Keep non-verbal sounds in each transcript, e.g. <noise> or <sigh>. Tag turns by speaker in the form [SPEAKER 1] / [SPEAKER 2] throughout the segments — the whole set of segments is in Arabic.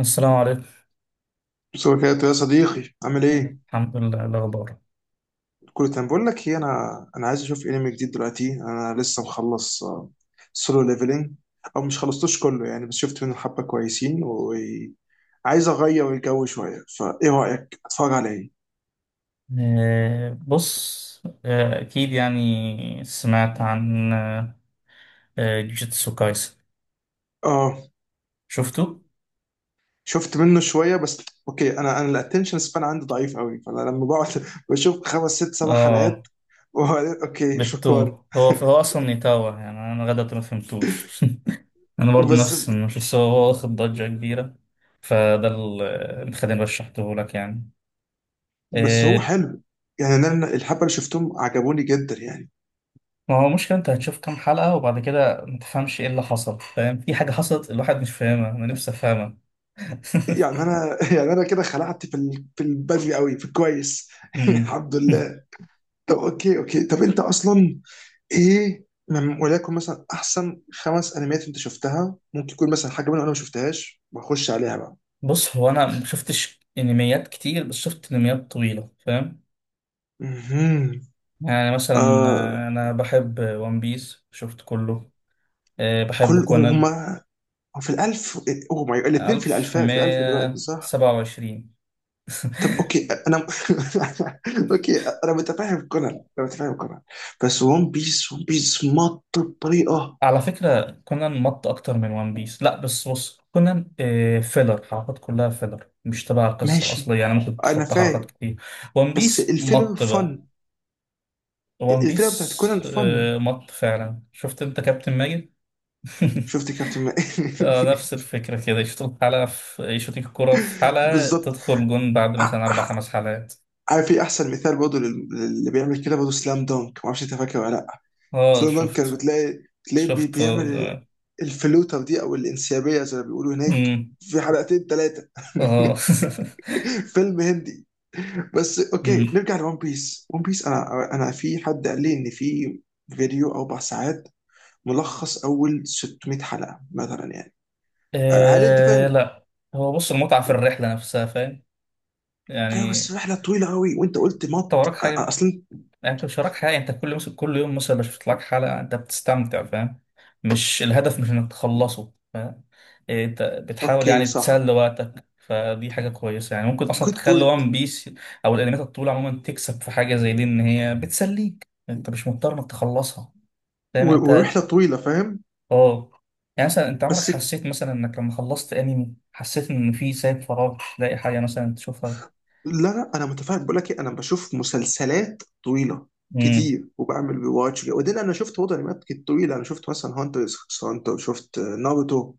[SPEAKER 1] السلام عليكم.
[SPEAKER 2] مساء يا صديقي، عامل ايه؟
[SPEAKER 1] الحمد لله. إيه الأخبار؟
[SPEAKER 2] كله تمام. بقول لك ايه، انا عايز اشوف انمي جديد دلوقتي. انا لسه مخلص سولو ليفلنج، او مش خلصتوش كله يعني، بس شفت منه حبه كويسين وعايز اغير الجو شويه. فايه رايك اتفرج على ايه؟
[SPEAKER 1] بص، أكيد يعني سمعت عن جوجيتسو كايسن.
[SPEAKER 2] اه،
[SPEAKER 1] شفته؟
[SPEAKER 2] شفت منه شويه بس. اوكي، انا الاتنشن سبان عندي ضعيف قوي، فانا لما بقعد <laughs> بشوف خمس ست سبع
[SPEAKER 1] اه.
[SPEAKER 2] حلقات وبعدين اوكي
[SPEAKER 1] بتو
[SPEAKER 2] شكرا.
[SPEAKER 1] هو هو أصلا نيتاوا، يعني أنا لغاية دلوقتي ما فهمتوش. <laughs> أنا
[SPEAKER 2] <laughs>
[SPEAKER 1] برضه
[SPEAKER 2] بس
[SPEAKER 1] نفس، مش بس هو هو واخد ضجة كبيرة. فده ال- اللي خليني رشحته لك يعني.
[SPEAKER 2] بس هو
[SPEAKER 1] آه،
[SPEAKER 2] حلو يعني. انا الحبه اللي شفتهم عجبوني جدا يعني.
[SPEAKER 1] ما هو مشكلة أنت هتشوف كام حلقة وبعد كده ما تفهمش إيه اللي حصل، فاهم؟ في حاجة حصلت الواحد مش فاهمها، أنا نفسي أفهمها. <laughs>
[SPEAKER 2] يعني انا <laughs> يعني انا كده خلعت في البدري قوي في الكويس. <laughs>
[SPEAKER 1] مم.
[SPEAKER 2] الحمد
[SPEAKER 1] <laughs>
[SPEAKER 2] لله. طب اوكي، طب انت اصلا ايه من وليكن مثلا احسن خمس انميات انت شفتها؟ ممكن يكون مثلا حاجه منهم انا ما شفتهاش واخش عليها بقى.
[SPEAKER 1] بص، هو انا ما شفتش انميات كتير، بس شفت انميات طويله، فاهم؟
[SPEAKER 2] مهم.
[SPEAKER 1] يعني مثلا
[SPEAKER 2] آه،
[SPEAKER 1] انا بحب ون بيس، شفت كله. بحب
[SPEAKER 2] كل
[SPEAKER 1] كونان.
[SPEAKER 2] هما في الالف. او ماي، الاثنين في الالفاء، في الالف دلوقتي صح.
[SPEAKER 1] 1127.
[SPEAKER 2] طب
[SPEAKER 1] <laughs>
[SPEAKER 2] اوكي، انا <laughs> اوكي، انا متفاهم كونان، انا متفاهم كونان، بس ون بيس، ون بيس مط بطريقه.
[SPEAKER 1] على فكره كونان مط اكتر من ون بيس. لا بس بص كونان فيلر، حلقات كلها فيلر مش تبع القصه
[SPEAKER 2] ماشي،
[SPEAKER 1] الاصليه، يعني ممكن
[SPEAKER 2] انا
[SPEAKER 1] تتخطى حلقات
[SPEAKER 2] فاهم.
[SPEAKER 1] كتير. ون
[SPEAKER 2] بس
[SPEAKER 1] بيس
[SPEAKER 2] الفيلر
[SPEAKER 1] مط بقى.
[SPEAKER 2] فن.
[SPEAKER 1] ون
[SPEAKER 2] الفيلر بتاعت
[SPEAKER 1] بيس
[SPEAKER 2] كونان فن.
[SPEAKER 1] مط فعلا. شفت انت كابتن ماجد؟ <laughs>
[SPEAKER 2] شفت كابتن ما-.
[SPEAKER 1] نفس
[SPEAKER 2] <laughs>
[SPEAKER 1] الفكرة كده، يشوط الكرة في حلقة
[SPEAKER 2] بالظبط.
[SPEAKER 1] تدخل جون بعد
[SPEAKER 2] ع-
[SPEAKER 1] مثلا أربع
[SPEAKER 2] ع-
[SPEAKER 1] خمس حلقات.
[SPEAKER 2] عارف في احسن مثال برضه اللي بيعمل كده برضه؟ سلام دونك، ما اعرفش انت فاكر ولا لا.
[SPEAKER 1] اه.
[SPEAKER 2] سلام دونك كان
[SPEAKER 1] شفت.
[SPEAKER 2] بتلاقي تلاقيه
[SPEAKER 1] شفت
[SPEAKER 2] بيعمل
[SPEAKER 1] اه.
[SPEAKER 2] الفلوتر دي، او الانسيابيه زي ما بيقولوا هناك،
[SPEAKER 1] مم.
[SPEAKER 2] في حلقتين ثلاثه.
[SPEAKER 1] آه.
[SPEAKER 2] <laughs>
[SPEAKER 1] <laughs>
[SPEAKER 2] فيلم هندي. بس اوكي،
[SPEAKER 1] مم.
[SPEAKER 2] نرجع لون بيس. ون بيس انا في حد قال لي ان في فيديو اربع ساعات ملخص اول 600 حلقه مثلا يعني. هل انت فاهم؟
[SPEAKER 1] لا، هو بص المتعة في الرحلة نفسها، فاهم؟
[SPEAKER 2] ايوه،
[SPEAKER 1] يعني
[SPEAKER 2] بس رحله طويله قوي. وانت قلت
[SPEAKER 1] انت
[SPEAKER 2] مط
[SPEAKER 1] وراك حاجة؟
[SPEAKER 2] اصلا.
[SPEAKER 1] يعني انت مش وراك حاجه، انت كل مثلا كل يوم مثلا مش بتطلعك حلقه، انت بتستمتع، فاهم؟ مش الهدف، مش انك تخلصه، فاهم؟ إيه، انت بتحاول
[SPEAKER 2] اوكي
[SPEAKER 1] يعني
[SPEAKER 2] صح،
[SPEAKER 1] تسلي وقتك، فدي حاجه كويسه، يعني ممكن اصلا
[SPEAKER 2] جود
[SPEAKER 1] تخلي
[SPEAKER 2] بوينت.
[SPEAKER 1] وان بيس او الانميات الطويله عموما تكسب في حاجه زي دي، ان هي بتسليك، انت مش مضطر انك تخلصها. فاهم انت؟
[SPEAKER 2] ورحله طويله فاهم.
[SPEAKER 1] اه. يعني مثلا انت عمرك
[SPEAKER 2] بس
[SPEAKER 1] حسيت مثلا انك لما خلصت انمي حسيت ان في سايب فراغ، مش لاقي حاجه مثلا تشوفها؟
[SPEAKER 2] لا لا، انا متفاهم. بقول لك إيه، انا بشوف مسلسلات طويله كتير وبعمل ريواتش. وبعدين انا شفت برضه انميات طويله. انا شفت مثلا هانتر x هانتر، شفت ناروتو.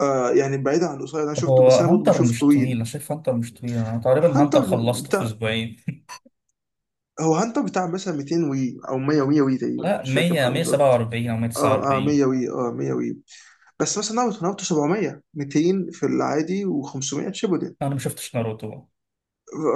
[SPEAKER 2] آه، يعني بعيدا عن القصير اللي انا شفته،
[SPEAKER 1] هو
[SPEAKER 2] بس انا برضه
[SPEAKER 1] هانتر
[SPEAKER 2] بشوف
[SPEAKER 1] مش طويل،
[SPEAKER 2] طويل.
[SPEAKER 1] انا شايف هانتر مش طويل، انا تقريبا
[SPEAKER 2] هانتر
[SPEAKER 1] هانتر خلصته في
[SPEAKER 2] بتاع
[SPEAKER 1] اسبوعين.
[SPEAKER 2] هو هانتر بتاع مثلا 200 وي او 100 100 وي
[SPEAKER 1] <laughs>
[SPEAKER 2] تقريبا،
[SPEAKER 1] لا،
[SPEAKER 2] مش فاكر كام
[SPEAKER 1] 100،
[SPEAKER 2] حلقه بالظبط.
[SPEAKER 1] 147 او
[SPEAKER 2] اه اه،
[SPEAKER 1] 149.
[SPEAKER 2] 100 وي، اه 100 وي. بس مثلا ناروتو، ناروتو 700 200 في العادي و500 شيبودن.
[SPEAKER 1] انا ما شفتش ناروتو.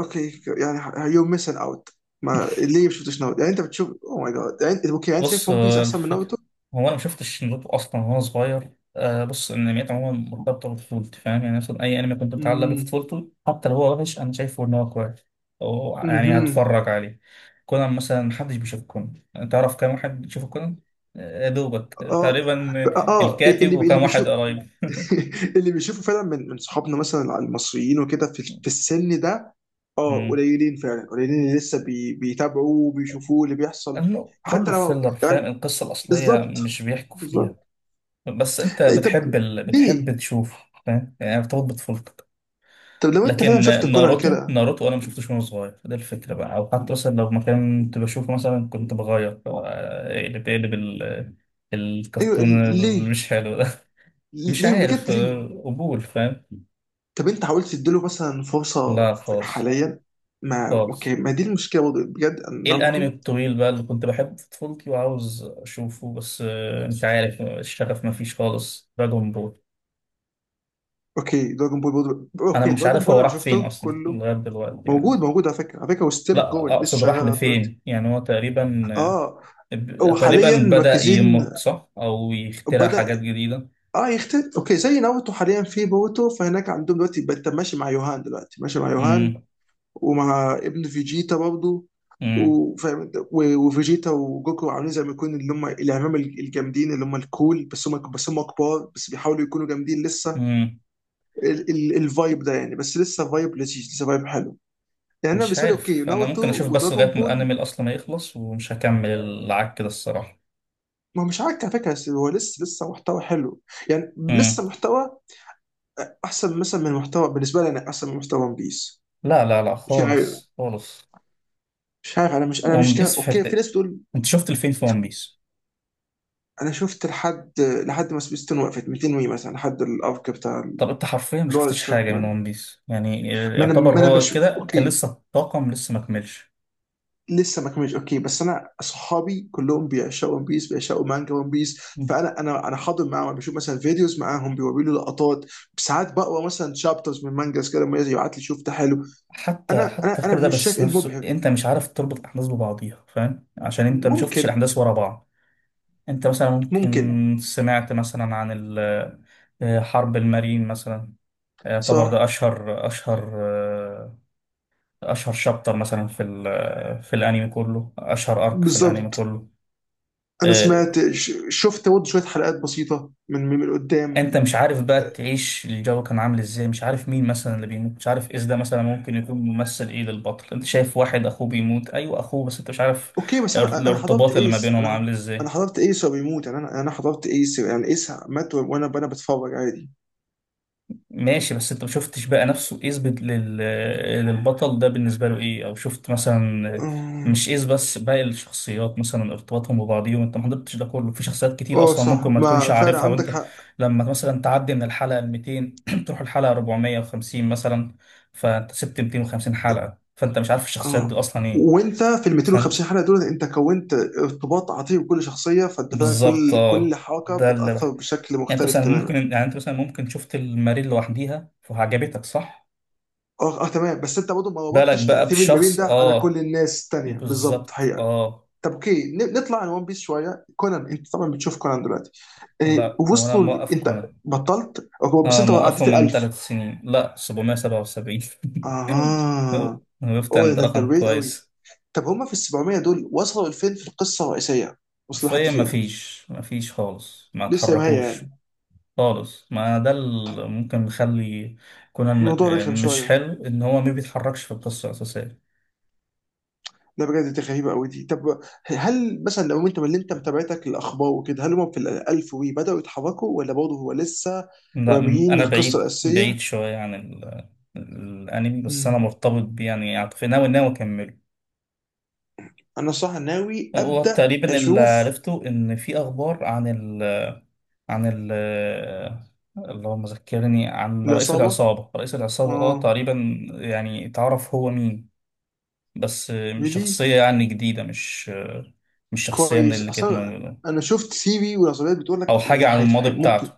[SPEAKER 2] اوكي، يعني يو ميسن اوت. ما ليه ما شفتش ناروتو يعني؟ انت بتشوف؟ او ماي جاد. يعني انت اوكي، يعني انت شايف
[SPEAKER 1] بص
[SPEAKER 2] ون بيس احسن من
[SPEAKER 1] الفكرة،
[SPEAKER 2] ناروتو؟
[SPEAKER 1] هو انا ما شفتش ناروتو اصلا وهو صغير. بص الانميات عموما مرتبطه بطفولتي، فاهم؟ يعني مثلا اي انمي كنت متعلق بيه في
[SPEAKER 2] امم.
[SPEAKER 1] طفولته حتى لو هو وحش انا شايفه ان هو كويس، أو يعني
[SPEAKER 2] امم.
[SPEAKER 1] هتفرج عليه. كونان مثلا محدش بيشوف كونان. تعرف كام واحد بيشوف كونان؟ دوبك
[SPEAKER 2] اه.
[SPEAKER 1] تقريبا،
[SPEAKER 2] اه،
[SPEAKER 1] الكاتب
[SPEAKER 2] اللي
[SPEAKER 1] وكام واحد
[SPEAKER 2] بيشوف.
[SPEAKER 1] قريب.
[SPEAKER 2] <laughs> اللي بيشوفه فعلا من صحابنا مثلا، المصريين وكده في السن ده. اه قليلين فعلا، قليلين اللي لسه بيتابعوه وبيشوفوه اللي بيحصل،
[SPEAKER 1] لأنه
[SPEAKER 2] حتى
[SPEAKER 1] كله
[SPEAKER 2] لو
[SPEAKER 1] فيلر، فاهم؟
[SPEAKER 2] يعني.
[SPEAKER 1] القصة الأصلية
[SPEAKER 2] بالظبط
[SPEAKER 1] مش بيحكوا فيها.
[SPEAKER 2] بالظبط.
[SPEAKER 1] بس أنت
[SPEAKER 2] إيه، طب
[SPEAKER 1] بتحب
[SPEAKER 2] ليه؟
[SPEAKER 1] تشوف، فاهم؟ يعني بتربط بطفولتك.
[SPEAKER 2] طب لو انت فعلا
[SPEAKER 1] لكن
[SPEAKER 2] شفت كونان
[SPEAKER 1] ناروتو
[SPEAKER 2] كده.
[SPEAKER 1] ناروتو أنا ما شفتوش وأنا صغير، ده الفكرة بقى. أو حتى مثلا لو ما كنت بشوفه مثلا كنت بغير، اقلب
[SPEAKER 2] ايوه
[SPEAKER 1] الكرتون اللي
[SPEAKER 2] ليه؟
[SPEAKER 1] مش حلو ده. <laughs> مش
[SPEAKER 2] ليه
[SPEAKER 1] عارف
[SPEAKER 2] بجد ليه؟
[SPEAKER 1] قبول، فاهم؟
[SPEAKER 2] طب انت حاولت تديله مثلا فرصه
[SPEAKER 1] لا خالص
[SPEAKER 2] حاليا؟ ما اوكي،
[SPEAKER 1] خالص.
[SPEAKER 2] ما دي المشكله برضه بجد، أن
[SPEAKER 1] ايه الانمي
[SPEAKER 2] ناروتو.
[SPEAKER 1] الطويل بقى اللي كنت بحبه في طفولتي وعاوز اشوفه، بس انت عارف الشغف ما فيش خالص. دراجون بول.
[SPEAKER 2] اوكي، دراجون بول برضه.
[SPEAKER 1] انا
[SPEAKER 2] اوكي،
[SPEAKER 1] مش
[SPEAKER 2] دراجون
[SPEAKER 1] عارف
[SPEAKER 2] بول
[SPEAKER 1] هو
[SPEAKER 2] انا
[SPEAKER 1] راح فين
[SPEAKER 2] شفته
[SPEAKER 1] اصلا
[SPEAKER 2] كله.
[SPEAKER 1] لغايه دلوقتي
[SPEAKER 2] موجود
[SPEAKER 1] يعني.
[SPEAKER 2] موجود على فكره، على فكره وستيل جوين،
[SPEAKER 1] لا،
[SPEAKER 2] لسه
[SPEAKER 1] اقصد
[SPEAKER 2] شغال
[SPEAKER 1] راح
[SPEAKER 2] لغايه دلوقتي.
[SPEAKER 1] لفين يعني، هو تقريبا
[SPEAKER 2] اه، هو
[SPEAKER 1] تقريبا
[SPEAKER 2] حاليا
[SPEAKER 1] بدأ
[SPEAKER 2] مركزين.
[SPEAKER 1] يمط صح، او يخترع
[SPEAKER 2] بدأ
[SPEAKER 1] حاجات جديده.
[SPEAKER 2] اه يختلف. اوكي، زي ناروتو حاليا في بوتو، فهناك عندهم دلوقتي انت ماشي مع يوهان، دلوقتي ماشي مع يوهان
[SPEAKER 1] امم.
[SPEAKER 2] ومع ابن فيجيتا برضه.
[SPEAKER 1] امم.
[SPEAKER 2] وفاهم انت، وفيجيتا وجوكو عاملين زي ما يكون اللي هم الاعمام، الجامدين، اللي هم الكول، بس هم كبار بس بيحاولوا يكونوا جامدين لسه.
[SPEAKER 1] امم.
[SPEAKER 2] الفايب ده يعني، بس لسه فايب لذيذ، لسه فايب حلو. يعني انا
[SPEAKER 1] مش
[SPEAKER 2] بالنسبه لي اوكي
[SPEAKER 1] عارف، انا
[SPEAKER 2] ناروتو
[SPEAKER 1] ممكن اشوف بس لغايه
[SPEAKER 2] ودراجون
[SPEAKER 1] ما
[SPEAKER 2] بول.
[SPEAKER 1] الانمي اصلا ما يخلص، ومش هكمل العك ده الصراحه.
[SPEAKER 2] ما هو مش عارف على فكره، بس هو لسه محتوى حلو. يعني
[SPEAKER 1] امم.
[SPEAKER 2] لسه محتوى احسن مثلا من محتوى، بالنسبه لي انا احسن من محتوى ون بيس.
[SPEAKER 1] لا لا لا
[SPEAKER 2] مش عارف
[SPEAKER 1] خالص خالص.
[SPEAKER 2] مش عارف انا مش
[SPEAKER 1] ون بيس في
[SPEAKER 2] اوكي، في
[SPEAKER 1] حته،
[SPEAKER 2] ناس بتقول.
[SPEAKER 1] انت شفت الفين في
[SPEAKER 2] <laughs>
[SPEAKER 1] ون بيس؟
[SPEAKER 2] انا شفت لحد ما سبيستون وقفت 200 وي مثلا، لحد الارك بتاع
[SPEAKER 1] طب انت حرفيا ما
[SPEAKER 2] اللي هو
[SPEAKER 1] شفتش
[SPEAKER 2] الشاك
[SPEAKER 1] حاجه من
[SPEAKER 2] مان.
[SPEAKER 1] ون بيس، يعني
[SPEAKER 2] ما انا ما
[SPEAKER 1] يعتبر
[SPEAKER 2] انا
[SPEAKER 1] هو
[SPEAKER 2] بشوف
[SPEAKER 1] كده كان
[SPEAKER 2] اوكي
[SPEAKER 1] لسه الطاقم لسه ما كملش.
[SPEAKER 2] لسه ما كملش. اوكي، بس انا اصحابي كلهم بيعشقوا ون بيس، بيعشقوا مانجا ون بيس، فانا انا انا حاضر معاهم. بشوف مثلا فيديوز معاهم، بيوروا لي لقطات. ساعات بقرا مثلا شابترز من مانجاز كده لما يبعت لي شوف ده حلو.
[SPEAKER 1] حتى
[SPEAKER 2] انا انا
[SPEAKER 1] حتى كل
[SPEAKER 2] انا
[SPEAKER 1] ده
[SPEAKER 2] مش شايف
[SPEAKER 1] بس
[SPEAKER 2] ايه
[SPEAKER 1] نفسه
[SPEAKER 2] المبهر.
[SPEAKER 1] انت مش عارف تربط الاحداث ببعضيها، فاهم؟ عشان انت ما شفتش
[SPEAKER 2] ممكن
[SPEAKER 1] الاحداث ورا بعض. انت مثلا
[SPEAKER 2] ممكن
[SPEAKER 1] ممكن سمعت مثلا عن حرب المارين مثلا. يعتبر
[SPEAKER 2] صح
[SPEAKER 1] ده اشهر شابتر مثلا في الانمي كله، اشهر ارك في الانمي
[SPEAKER 2] بالظبط.
[SPEAKER 1] كله.
[SPEAKER 2] انا
[SPEAKER 1] آه،
[SPEAKER 2] سمعت، شفت برضه شويه حلقات بسيطه من قدام.
[SPEAKER 1] انت مش عارف بقى تعيش الجو كان عامل ازاي، مش عارف مين مثلا اللي بيموت، مش عارف اذا ده مثلا ممكن يكون ممثل ايه للبطل، انت شايف واحد اخوه بيموت، ايوه اخوه بس انت مش عارف
[SPEAKER 2] اوكي، بس انا حضرت
[SPEAKER 1] الارتباط اللي ما
[SPEAKER 2] ايس،
[SPEAKER 1] بينهم عامل
[SPEAKER 2] انا
[SPEAKER 1] ازاي.
[SPEAKER 2] حضرت ايس وهو بيموت يعني. انا حضرت ايس يعني، ايس مات وانا بتفرج عادي.
[SPEAKER 1] ماشي، بس انت ما شفتش بقى نفسه اثبت للبطل ده بالنسبه له ايه، او شفت مثلا
[SPEAKER 2] اه،
[SPEAKER 1] مش ايز بس باقي الشخصيات مثلا ارتباطهم ببعضيهم، انت ما حضرتش ده كله. في شخصيات كتير
[SPEAKER 2] آه،
[SPEAKER 1] اصلا ممكن
[SPEAKER 2] صح.
[SPEAKER 1] ما تكونش
[SPEAKER 2] ما فعلا
[SPEAKER 1] عارفها،
[SPEAKER 2] عندك
[SPEAKER 1] وانت
[SPEAKER 2] حق.
[SPEAKER 1] لما مثلا تعدي من الحلقه 200 <clears throat> تروح الحلقه 450 مثلا، فانت سبت 250 حلقه، فانت مش عارف الشخصيات دي
[SPEAKER 2] اه،
[SPEAKER 1] اصلا ايه.
[SPEAKER 2] وانت في ال
[SPEAKER 1] فانت
[SPEAKER 2] 250 حلقه دول انت كونت ارتباط عاطفي بكل شخصيه، فانت فعلا
[SPEAKER 1] بالظبط
[SPEAKER 2] كل
[SPEAKER 1] اه.
[SPEAKER 2] حركه
[SPEAKER 1] ده
[SPEAKER 2] بتاثر بشكل
[SPEAKER 1] يعني انت
[SPEAKER 2] مختلف
[SPEAKER 1] مثلا ممكن
[SPEAKER 2] تماما.
[SPEAKER 1] شفت الماريل لوحديها فعجبتك، صح؟
[SPEAKER 2] اه اه، تمام. بس انت برضه ما
[SPEAKER 1] بالك
[SPEAKER 2] ربطتش
[SPEAKER 1] بقى
[SPEAKER 2] تاثير المبين
[SPEAKER 1] بشخص
[SPEAKER 2] ده على كل
[SPEAKER 1] اه،
[SPEAKER 2] الناس التانيه بالظبط،
[SPEAKER 1] بالظبط
[SPEAKER 2] حقيقه.
[SPEAKER 1] اه.
[SPEAKER 2] طب اوكي، نطلع عن ون بيس شويه. كونان، انت طبعا بتشوف كونان دلوقتي. إيه،
[SPEAKER 1] لا هو انا
[SPEAKER 2] وصلوا
[SPEAKER 1] موقف
[SPEAKER 2] انت
[SPEAKER 1] كونان،
[SPEAKER 2] بطلت؟ أوكي، بس
[SPEAKER 1] اه
[SPEAKER 2] انت
[SPEAKER 1] موقفه
[SPEAKER 2] عديت ال
[SPEAKER 1] من
[SPEAKER 2] 1000.
[SPEAKER 1] ثلاث سنين، لا 777. <laughs>
[SPEAKER 2] اها.
[SPEAKER 1] وقفت
[SPEAKER 2] اوه،
[SPEAKER 1] عند
[SPEAKER 2] ده انت
[SPEAKER 1] رقم
[SPEAKER 2] بعيد قوي.
[SPEAKER 1] كويس.
[SPEAKER 2] طب هما في ال 700 دول وصلوا لفين في القصه الرئيسيه؟ وصلوا لحد
[SPEAKER 1] حرفيا
[SPEAKER 2] فين؟
[SPEAKER 1] مفيش خالص، ما
[SPEAKER 2] لسه ما هي
[SPEAKER 1] اتحركوش
[SPEAKER 2] يعني.
[SPEAKER 1] خالص. ما ده اللي ممكن يخلي كونان
[SPEAKER 2] الموضوع رخم
[SPEAKER 1] مش
[SPEAKER 2] شويه.
[SPEAKER 1] حلو ان هو ما بيتحركش في القصة الأساسية.
[SPEAKER 2] لا بجد، دي غريبه قوي دي. طب هل مثلا، لو انت من اللي انت متابعتك الاخبار وكده، هل هما في ال 1000 وي بداوا يتحركوا، ولا برضه هو لسه
[SPEAKER 1] لا
[SPEAKER 2] راميين
[SPEAKER 1] انا
[SPEAKER 2] القصه
[SPEAKER 1] بعيد بعيد
[SPEAKER 2] الاساسيه؟
[SPEAKER 1] شوية عن الانمي، بس انا
[SPEAKER 2] مم.
[SPEAKER 1] مرتبط بيه يعني عاطفيا، ناوي ناوي اكمله.
[SPEAKER 2] انا صح ناوي
[SPEAKER 1] هو
[SPEAKER 2] ابدا
[SPEAKER 1] تقريبا اللي
[SPEAKER 2] اشوف.
[SPEAKER 1] عرفته ان في اخبار عن اللهم ذكرني، عن رئيس
[SPEAKER 2] العصابه،
[SPEAKER 1] العصابة، رئيس العصابة اه
[SPEAKER 2] اه.
[SPEAKER 1] تقريبا. يعني تعرف هو مين، بس مش
[SPEAKER 2] ريلي؟
[SPEAKER 1] شخصية يعني جديدة، مش شخصية من
[SPEAKER 2] كويس
[SPEAKER 1] اللي كانت
[SPEAKER 2] اصلا.
[SPEAKER 1] موجودة،
[SPEAKER 2] انا شفت سي في والعصابات بتقول لك
[SPEAKER 1] أو
[SPEAKER 2] ان
[SPEAKER 1] حاجة عن الماضي بتاعته.
[SPEAKER 2] ممكن.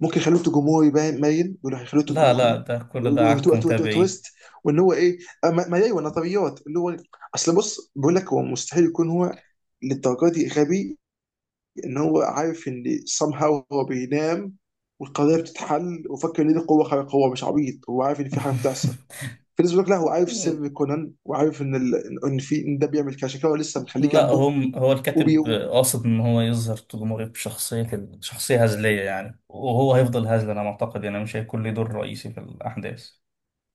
[SPEAKER 2] ممكن يخلوه جمهوري، باين بيقولوا هيخلوه
[SPEAKER 1] لا لا،
[SPEAKER 2] جمهوري،
[SPEAKER 1] ده كل ده عك
[SPEAKER 2] وتو-، تو-، تو-،
[SPEAKER 1] متابعين.
[SPEAKER 2] تويست. وان هو ايه؟ ما ايوه، نظريات اللي هو اصل، بص بقول لك، هو مستحيل يكون هو للدرجه دي غبي. ان هو عارف ان somehow هو بينام والقضيه بتتحل، وفاكر ان دي قوه خارقه. هو مش عبيط، هو عارف ان في حاجه بتحصل.
[SPEAKER 1] <laughs>
[SPEAKER 2] في ناس بتقول لك لا، هو عارف سر كونان، وعارف ان ان في ان ده بيعمل كذا، عشان كده هو لسه مخليه
[SPEAKER 1] لا
[SPEAKER 2] جنبه.
[SPEAKER 1] هم هو
[SPEAKER 2] وبي...
[SPEAKER 1] الكاتب قاصد ان هو يظهر جمهورية بشخصية، شخصية هزلية يعني، وهو هيفضل هزل انا معتقد، يعني مش هيكون له دور رئيسي في الاحداث.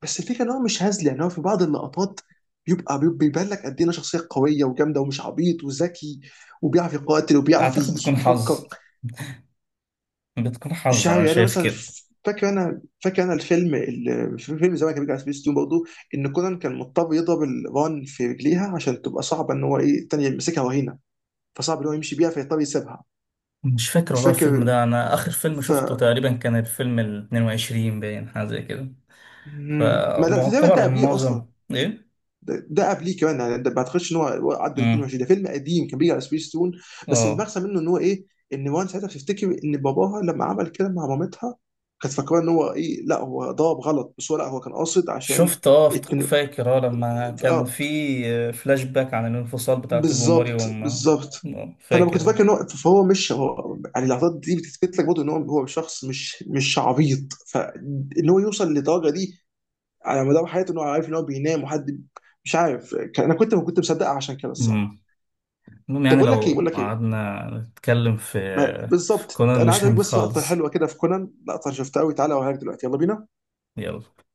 [SPEAKER 2] بس الفكره ان هو مش هزلي. يعني هو في بعض اللقطات بيبقى، بيبان لك قد ايه إنه شخصيه قويه وجامده ومش عبيط وذكي، وبيعرف يقاتل وبيعرف
[SPEAKER 1] اعتقد بتكون حظ،
[SPEAKER 2] يفكر.
[SPEAKER 1] بتكون
[SPEAKER 2] مش
[SPEAKER 1] حظ،
[SPEAKER 2] عارف
[SPEAKER 1] انا
[SPEAKER 2] يعني، أنا
[SPEAKER 1] شايف
[SPEAKER 2] مثلا
[SPEAKER 1] كده.
[SPEAKER 2] فاكر انا الفيلم، في فيلم زمان كان بيجي على سبيس تون برضه، ان كونان كان مضطر يضرب الران في رجليها عشان تبقى صعبه ان هو ايه الثانيه يمسكها وهينه، فصعب ان هو يمشي بيها فيضطر يسيبها.
[SPEAKER 1] مش فاكر
[SPEAKER 2] مش
[SPEAKER 1] والله الفيلم
[SPEAKER 2] فاكر.
[SPEAKER 1] ده، انا اخر فيلم
[SPEAKER 2] ف
[SPEAKER 1] شفته تقريبا كان الفيلم ال 22، باين حاجه زي كده.
[SPEAKER 2] مم. ما ده تقريبا ده
[SPEAKER 1] فمعتبر
[SPEAKER 2] قبليه اصلا.
[SPEAKER 1] معظم ايه.
[SPEAKER 2] ده قبليه كمان يعني، ده ما اعتقدش ان هو عدى
[SPEAKER 1] امم.
[SPEAKER 2] 22. ده فيلم قديم كان بيجي على سبيس تون. بس
[SPEAKER 1] اه
[SPEAKER 2] المغزى منه ان هو ايه، ان وان ساعتها بتفتكر ان باباها لما عمل كده مع مامتها، كانت فاكره ان هو ايه لا هو ضرب غلط، بس هو لا هو كان قاصد عشان
[SPEAKER 1] شفت، اه
[SPEAKER 2] اتن...
[SPEAKER 1] فاكر، اه لما كان
[SPEAKER 2] اه
[SPEAKER 1] في فلاش باك عن الانفصال بتاع توجوموري
[SPEAKER 2] بالظبط
[SPEAKER 1] وما
[SPEAKER 2] بالظبط. فانا كنت
[SPEAKER 1] فاكر
[SPEAKER 2] فاكر
[SPEAKER 1] أنا.
[SPEAKER 2] ان هو فهو مش هو. يعني اللحظات دي بتثبت لك برضه ان هو شخص مش عبيط، فان هو يوصل للدرجه دي على مدار حياته ان هو عارف ان هو بينام وحد. مش عارف انا كنت ما كنت مصدقها عشان كده الصراحه.
[SPEAKER 1] امم. المهم
[SPEAKER 2] طب
[SPEAKER 1] يعني
[SPEAKER 2] اقول لك ايه، بقول
[SPEAKER 1] لو
[SPEAKER 2] لك ايه،
[SPEAKER 1] قعدنا نتكلم في في
[SPEAKER 2] بالظبط،
[SPEAKER 1] كونان
[SPEAKER 2] انا عايز
[SPEAKER 1] مش
[SPEAKER 2] اوريك بس لقطه
[SPEAKER 1] هنخلص.
[SPEAKER 2] حلوه كده في كونان، لقطه شفتها قوي. تعالى اوريك دلوقتي، يلا بينا.
[SPEAKER 1] يلا